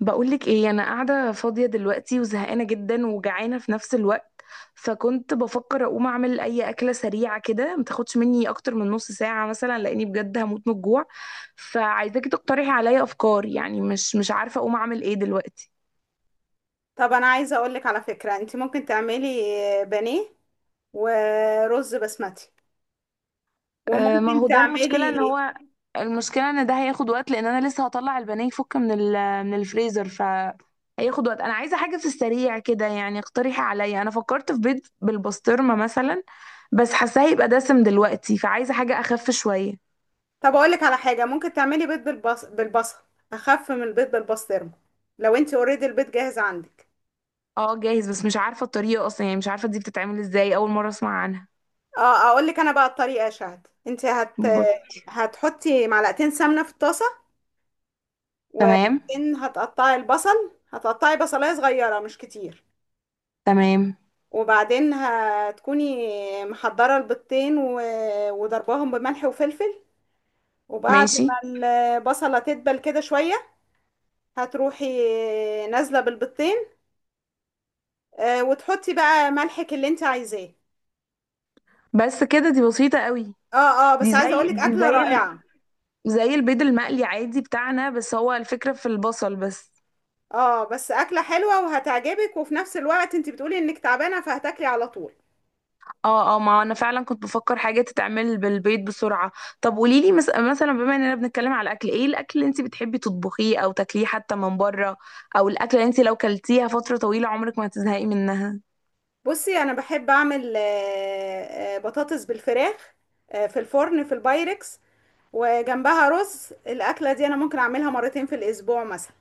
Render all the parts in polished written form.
بقولك ايه، انا قاعده فاضيه دلوقتي وزهقانه جدا وجعانه في نفس الوقت. فكنت بفكر اقوم اعمل اي اكله سريعه كده، ما تاخدش مني اكتر من نص ساعه مثلا، لاني بجد هموت من الجوع. فعايزاكي تقترحي عليا افكار، يعني مش عارفه اقوم اعمل ايه دلوقتي. طب انا عايزه اقول لك على فكره، انت ممكن تعملي بانيه ورز بسمتي، آه، ما وممكن هو ده المشكلة ان تعملي. هو، المشكلة ان ده هياخد وقت، لان انا لسه هطلع البانيه يفك من من الفريزر، ف هياخد وقت. انا عايزة حاجة في السريع كده، يعني اقترحي عليا. انا فكرت في بيض بالبسطرمة مثلا، بس حاساه هيبقى دسم دلوقتي، فعايزة حاجة اخف شوية. طب اقول لك على حاجه ممكن تعملي بيض بالبصل، اخف من البيض بالبسطرمه، لو انت اوريدي البيض جاهز عندك. اه جاهز، بس مش عارفة الطريقة اصلا، يعني مش عارفة دي بتتعمل ازاي، اول مرة اسمع عنها. اه، اقول لك انا بقى الطريقه يا شهد، انت بص. هتحطي معلقتين سمنه في الطاسه، تمام. وبعدين هتقطعي البصل، هتقطعي بصلايه صغيره مش كتير. تمام. وبعدين هتكوني محضره البيضتين وضرباهم بملح وفلفل. وبعد ماشي. ما البصلة تدبل كده شوية هتروحي نازلة بالبيضتين، وتحطي بقى ملحك اللي انت عايزاه. بس كده؟ دي بسيطة قوي. اه، اه، دي بس عايزة زي اقولك دي اكلة زي رائعة. زي البيض المقلي عادي بتاعنا، بس هو الفكرة في البصل بس. اه، بس اكلة حلوة وهتعجبك، وفي نفس الوقت انت بتقولي انك تعبانة فهتاكلي على طول. اه اه، ما انا فعلا كنت بفكر حاجة تتعمل بالبيض بسرعة. طب قوليلي مثلا، بما اننا بنتكلم على الاكل، ايه الاكل اللي انت بتحبي تطبخيه او تاكليه حتى من بره، او الاكل اللي انت لو كلتيها فترة طويلة عمرك ما هتزهقي منها؟ بصي، انا بحب اعمل بطاطس بالفراخ، في الفرن في البايركس، وجنبها رز. الاكلة دي انا ممكن اعملها مرتين في الاسبوع مثلا.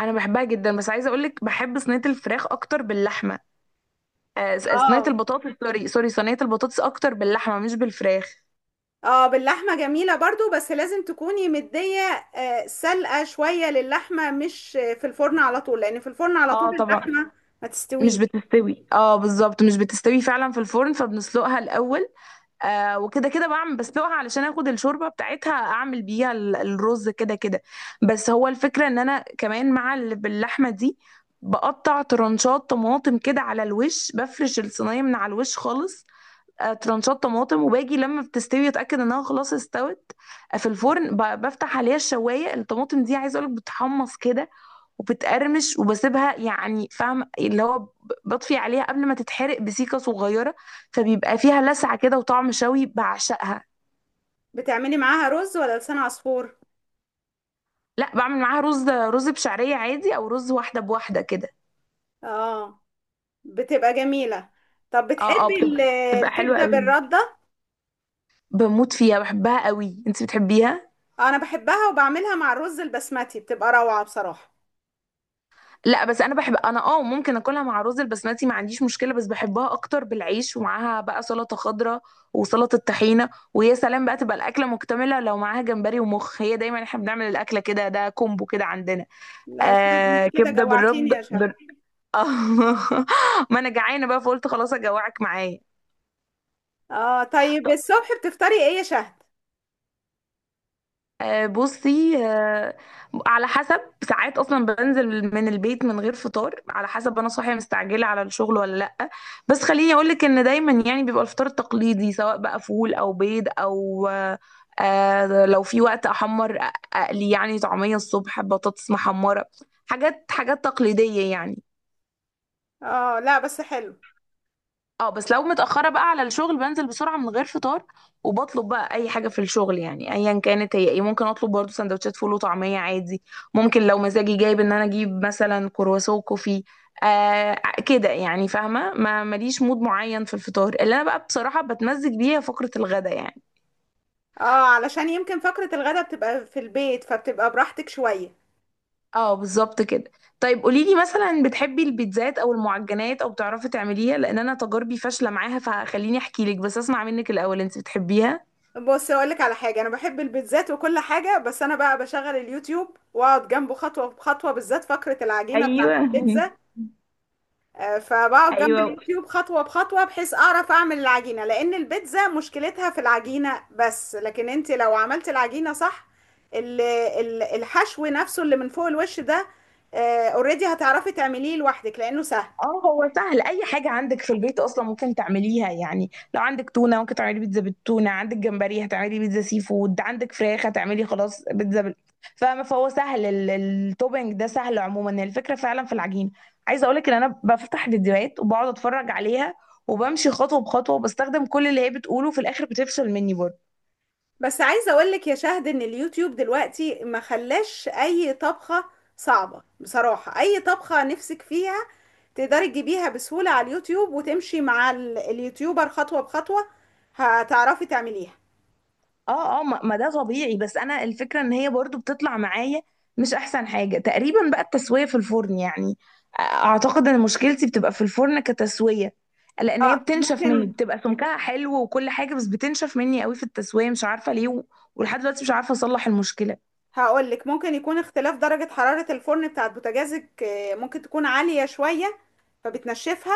انا بحبها جدا، بس عايزة اقولك بحب صينية الفراخ اكتر باللحمة. آه صينية اه، البطاطس، سوري سوري، صينية البطاطس اكتر باللحمة مش بالفراخ. اه، باللحمة جميلة برضو، بس لازم تكوني مدية سلقة شوية للحمة، مش في الفرن على طول، لان في الفرن على طول اه طبعا. اللحمة ما مش تستويش. بتستوي، اه بالظبط، مش بتستوي فعلا في الفرن، فبنسلقها الاول. آه، وكده كده بعمل بسلقها علشان اخد الشوربه بتاعتها، اعمل بيها الرز كده كده. بس هو الفكره ان انا كمان مع باللحمه دي، بقطع ترنشات طماطم كده على الوش، بفرش الصينيه من على الوش خالص. آه ترنشات طماطم، وباجي لما بتستوي اتاكد انها خلاص استوت. آه، في الفرن بفتح عليها الشوايه. الطماطم دي عايزه اقولك بتحمص كده وبتقرمش، وبسيبها يعني فاهم اللي هو بطفي عليها قبل ما تتحرق بسيكة صغيرة، فبيبقى فيها لسعة كده وطعم شوي، بعشقها. بتعملي معاها رز ولا لسان عصفور؟ لا، بعمل معاها رز بشعرية عادي، او رز واحدة بواحدة كده. اه، بتبقى جميلة. طب اه اه، بتحبي بتبقى حلوة الكبدة قوي. بالردة؟ بموت فيها، بحبها قوي. انت بتحبيها؟ انا بحبها وبعملها مع الرز البسمتي، بتبقى روعة بصراحة. لا بس انا بحب، انا اه ممكن اكلها مع رز البسمتي، ما عنديش مشكله، بس بحبها اكتر بالعيش، ومعاها بقى سلطه خضراء وسلطه طحينه، ويا سلام بقى تبقى الاكله مكتمله لو معاها جمبري ومخ. هي دايما احنا بنعمل الاكله كده، ده كومبو كده عندنا. لا يا شهد، انت آه كده كبده بالرد جوعتيني يا شهد. آه. ما انا جعانه بقى، فقلت خلاص اجوعك معايا. اه، طيب، الصبح بتفطري ايه يا شهد؟ بصي، على حسب. ساعات اصلا بنزل من البيت من غير فطار، على حسب انا صاحيه مستعجله على الشغل ولا لا. بس خليني اقول لك ان دايما يعني بيبقى الفطار التقليدي، سواء بقى فول او بيض او لو في وقت احمر اقلي يعني طعميه الصبح، بطاطس محمره، حاجات تقليديه يعني. اه، لا بس حلو. اه بس لو متأخرة بقى على الشغل بنزل بسرعة من غير فطار، وبطلب بقى أي حاجة في الشغل، يعني أيا كانت هي ايه. ممكن أطلب برضو سندوتشات فول وطعمية عادي، ممكن لو مزاجي جايب إن أنا أجيب مثلا كرواسون كوفي. آه كده يعني، فاهمة، ما ماليش مود معين في الفطار اللي أنا بقى بصراحة بتمزج بيها فقرة الغدا يعني. اه، علشان يمكن فقرة الغدا بتبقى في البيت فبتبقى براحتك شوية. اه بالظبط كده. طيب قوليلي مثلا، بتحبي البيتزات أو المعجنات، أو بتعرفي تعمليها؟ لأن أنا تجاربي فاشلة معاها، فخليني أحكيلك، بس أسمع منك الأول، أنت بتحبيها؟ بص اقولك على حاجة، انا بحب البيتزات وكل حاجة، بس انا بقى بشغل اليوتيوب واقعد جنبه خطوة بخطوة، بالذات فقرة العجينة بتاعة ايوه. البيتزا. فبقعد جنب ايوه. اليوتيوب خطوة بخطوة بحيث اعرف اعمل العجينة، لان البيتزا مشكلتها في العجينة بس، لكن انت لو عملت العجينة صح، الحشو نفسه اللي من فوق الوش ده، اوريدي هتعرفي تعمليه لوحدك لانه سهل. اه هو سهل، اي حاجه عندك في البيت اصلا ممكن تعمليها، يعني لو عندك تونه ممكن تعملي بيتزا بالتونه، عندك جمبري هتعملي بيتزا سي فود، عندك فراخ هتعملي خلاص بيتزا فاهمه. فهو سهل، التوبينج ده سهل عموما، الفكره فعلا في العجينه. عايزه اقولك ان انا بفتح فيديوهات وبقعد اتفرج عليها، وبمشي خطوه بخطوه وبستخدم كل اللي هي بتقوله، في الاخر بتفشل مني برضه. بس عايزه اقول لك يا شهد ان اليوتيوب دلوقتي ما خلاش اي طبخه صعبه، بصراحه اي طبخه نفسك فيها تقدري تجيبيها بسهوله على اليوتيوب وتمشي مع اليوتيوبر خطوه بخطوه، هتعرفي تعمليها. اه اه، ما ده طبيعي، بس انا الفكره ان هي برضو بتطلع معايا، مش احسن حاجه تقريبا بقى التسويه في الفرن يعني. اعتقد ان مشكلتي بتبقى في الفرن كتسويه، لان هي اه، بتنشف مني، ممكن. بتبقى سمكها حلو وكل حاجه، بس بتنشف مني قوي في التسويه، مش عارفه ليه ولحد دلوقتي مش عارفه اصلح المشكله. هقول لك، ممكن يكون اختلاف درجه حراره الفرن بتاعت بوتاجازك، ممكن تكون عاليه شويه فبتنشفها.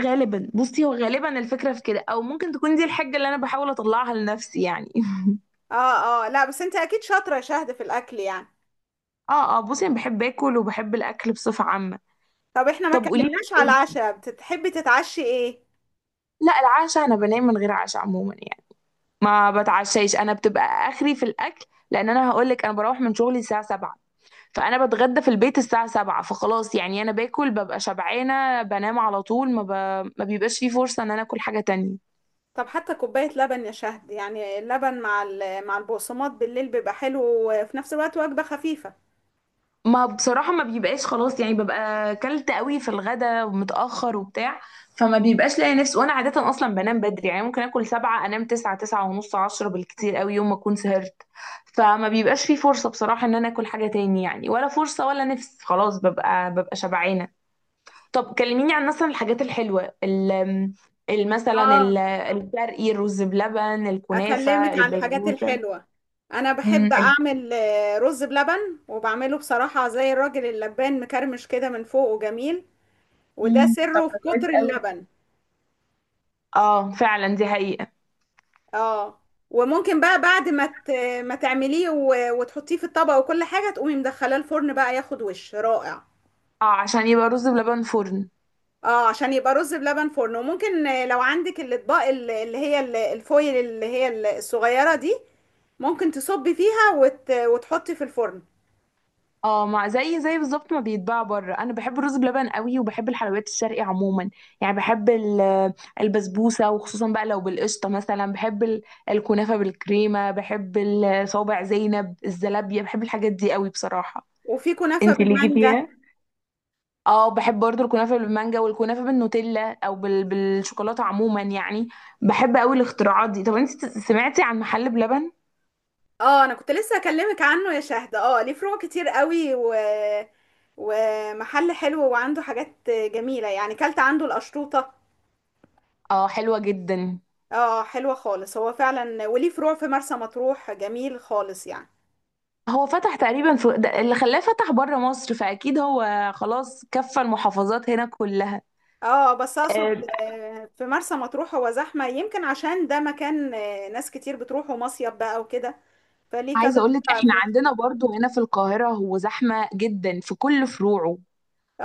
غالبا، بصي هو غالبا الفكره في كده، او ممكن تكون دي الحاجه اللي انا بحاول اطلعها لنفسي يعني. اه، اه، لا، بس انت اكيد شاطره يا شهد في الاكل يعني. اه اه، بصي انا بحب اكل، وبحب الاكل بصفه عامه. طب احنا ما طب قولي اتكلمناش على لي. العشاء، بتحبي تتعشي ايه؟ لا، العشاء انا بنام من غير عشاء عموما يعني. ما بتعشاش، انا بتبقى اخري في الاكل، لان انا هقولك انا بروح من شغلي الساعه 7، فانا بتغدى في البيت الساعه 7، فخلاص يعني انا باكل ببقى شبعانه بنام على طول، ما, ما بيبقاش في فرصه ان انا اكل حاجه تانية. طب حتى كوباية لبن يا شهد، يعني اللبن مع البقسماط بالليل بيبقى حلو، وفي نفس الوقت وجبة خفيفة. ما بصراحة ما بيبقاش، خلاص يعني ببقى كلت قوي في الغدا ومتأخر وبتاع، فما بيبقاش لاقي نفسي، وانا عادة اصلا بنام بدري، يعني ممكن اكل سبعة انام تسعة، تسعة ونص، عشرة بالكتير قوي يوم ما اكون سهرت. فما بيبقاش في فرصة بصراحة ان انا اكل حاجة تاني يعني، ولا فرصة ولا نفس، خلاص ببقى شبعانة. طب كلميني عن مثلا الحاجات الحلوة، مثلا اه، الشرقي، الرز بلبن، أكلمك الكنافة، على الحاجات البسبوسة. الحلوة. أنا أمم، بحب ال- أعمل رز بلبن، وبعمله بصراحة زي الراجل اللبان، مكرمش كده من فوق وجميل، وده طب سره في ده كويس كتر قوي. اللبن. اه فعلا دي حقيقة. اه، وممكن بقى بعد ما تعمليه و- وتحطيه في الطبق وكل حاجة، تقومي مدخلاه الفرن بقى ياخد وش رائع. اه عشان يبقى رز بلبن فرن. اه، عشان يبقى رز بلبن فرن. وممكن لو عندك الاطباق اللي هي الفويل، اللي هي الصغيرة دي، ممكن تصبي فيها وتحطي في الفرن. اه مع، زي بالظبط ما بيتباع بره. انا بحب الرز بلبن قوي، وبحب الحلويات الشرقي عموما، يعني بحب البسبوسه وخصوصا بقى لو بالقشطه مثلا، بحب الكنافه بالكريمه، بحب صوابع زينب، الزلابيه، بحب الحاجات دي قوي بصراحه. وفي كنافة انت ليكي بالمانجا. فيها؟ اه بحب برضو الكنافه بالمانجا، والكنافه بالنوتيلا او بالشوكولاته عموما يعني. بحب قوي الاختراعات دي. طب انت سمعتي عن محل بلبن؟ اه، انا كنت لسه اكلمك عنه يا شهد. اه، ليه فروع كتير قوي ومحل حلو وعنده حاجات جميلة يعني، كلت عنده القشطوطة. اه حلوه جدا. اه، حلوة خالص هو فعلا، وليه فروع في مرسى مطروح جميل خالص يعني. هو فتح تقريبا في ده اللي خلاه فتح بره مصر، فاكيد هو خلاص كفى المحافظات هنا كلها. اه، بس آه، اقصد في مرسى مطروح هو زحمة، يمكن عشان ده مكان ناس كتير بتروحوا مصيف بقى وكده، فليه كذا عايزه اقول لك قطعة احنا في عندنا مرسى. برضو هنا في القاهره، هو زحمه جدا في كل فروعه.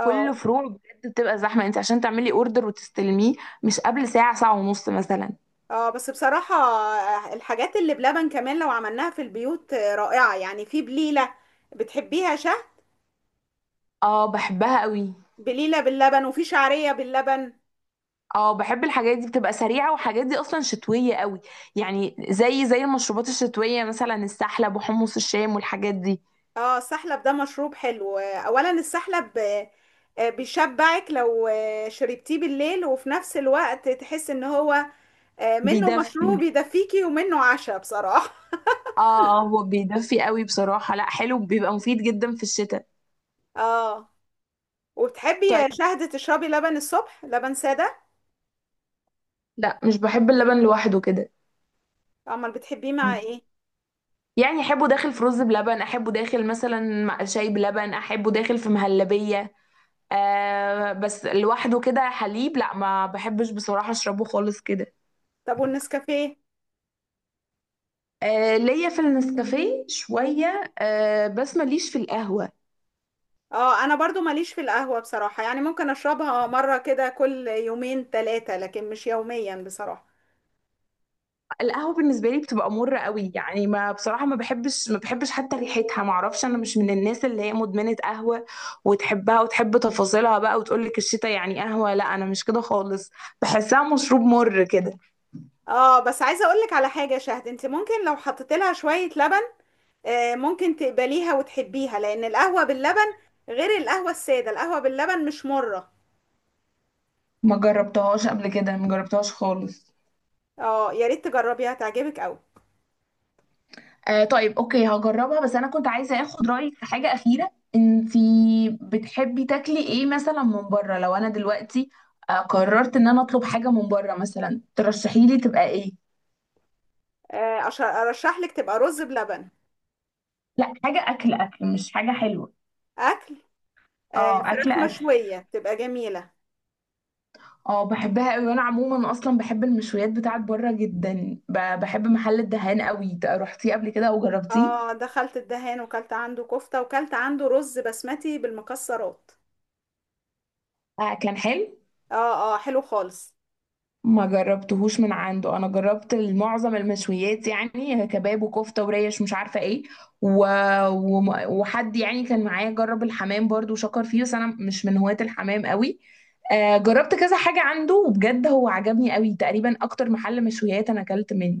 كل فروع بجد بتبقى زحمه، انت عشان تعملي اوردر وتستلميه، مش قبل ساعه، ساعه ونص مثلا. اه، بس بصراحة الحاجات اللي بلبن كمان لو عملناها في البيوت رائعة يعني، في بليلة، بتحبيها شه؟ اه بحبها قوي. بليلة باللبن وفي شعرية باللبن. اه بحب الحاجات دي بتبقى سريعه، وحاجات دي اصلا شتويه قوي، يعني زي المشروبات الشتويه مثلا، السحلب وحمص الشام والحاجات دي. اه، السحلب ده مشروب حلو، اولا السحلب، بيشبعك لو شربتيه بالليل، وفي نفس الوقت تحس ان هو منه بيدفي. مشروب يدفيكي، ومنه عشاء بصراحة. اه هو بيدفي قوي بصراحة، لا حلو، بيبقى مفيد جدا في الشتاء. اه، وبتحبي طيب. يا شهد تشربي لبن الصبح، لبن سادة؟ لا مش بحب اللبن لوحده كده، امال بتحبيه مع ايه؟ يعني احبه داخل في رز بلبن، احبه داخل مثلا مع شاي بلبن، احبه داخل في مهلبية، آه بس لوحده كده حليب لا ما بحبش بصراحة اشربه خالص كده. طب والنسكافيه؟ آه ليا في النسكافيه شوية، آه بس ماليش في القهوة. اه، انا برضو ماليش في القهوة بصراحة، يعني ممكن اشربها مرة كده كل يومين ثلاثة، لكن مش يوميا بصراحة. القهوة بالنسبة لي بتبقى مرة قوي يعني، ما بصراحة ما بحبش حتى ريحتها، ما اعرفش، انا مش من الناس اللي هي مدمنة قهوة وتحبها وتحب تفاصيلها بقى وتقول لك الشتا يعني قهوة، لا انا مش كده خالص، بحسها مشروب مر كده. اه، بس عايزة اقولك على حاجة يا شهد، انت ممكن لو حطيت لها شوية لبن ممكن تقبليها وتحبيها، لان القهوة باللبن غير القهوة السادة، القهوة باللبن مش مرة. ما جربتهاش قبل كده، ما جربتهاش خالص. اه، يا ريت تجربيها، تعجبك قوي. آه طيب اوكي هجربها. بس انا كنت عايزة اخد رأيك في حاجة أخيرة، انتي بتحبي تاكلي ايه مثلا من بره، لو انا دلوقتي قررت ان انا اطلب حاجة من بره مثلا، ترشحيلي تبقى ايه؟ ارشح لك تبقى رز بلبن. لا حاجة أكل أكل، مش حاجة حلوة. اكل، اه أكل فراخ أكل. مشوية تبقى جميلة. اه بحبها قوي، وانا عموما اصلا بحب المشويات بتاعت بره جدا. بحب محل الدهان قوي، رحتيه قبل كده او جربتيه؟ اه، دخلت الدهان وكلت عنده كفتة وكلت عنده رز بسمتي بالمكسرات. آه كان حلو. اه، اه، حلو خالص. ما جربتهوش من عنده، انا جربت معظم المشويات يعني، كباب وكفته وريش مش عارفه ايه و... وحد يعني كان معايا جرب الحمام برضو وشكر فيه، بس انا مش من هواة الحمام قوي. آه جربت كذا حاجه عنده، وبجد هو عجبني قوي، تقريبا اكتر محل مشويات انا اكلت منه.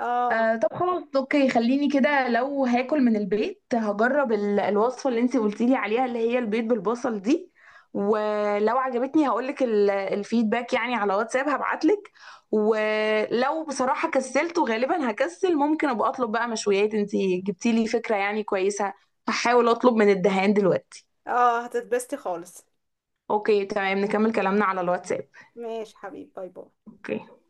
اه، آه طب خلاص اوكي، خليني كده، لو هاكل من البيت هجرب الوصفة اللي انتي قلتيلي عليها، اللي هي البيض بالبصل دي، ولو عجبتني هقولك الفيدباك يعني، على واتساب هبعتلك. ولو بصراحة كسلت، وغالبا هكسل، ممكن ابقى اطلب بقى مشويات، انتي جبتيلي فكرة يعني كويسة، هحاول اطلب من الدهان دلوقتي. اه، هتتبسطي خالص. اوكي تمام، نكمل كلامنا على الواتساب. ماشي حبيبي، باي باي. اوكي.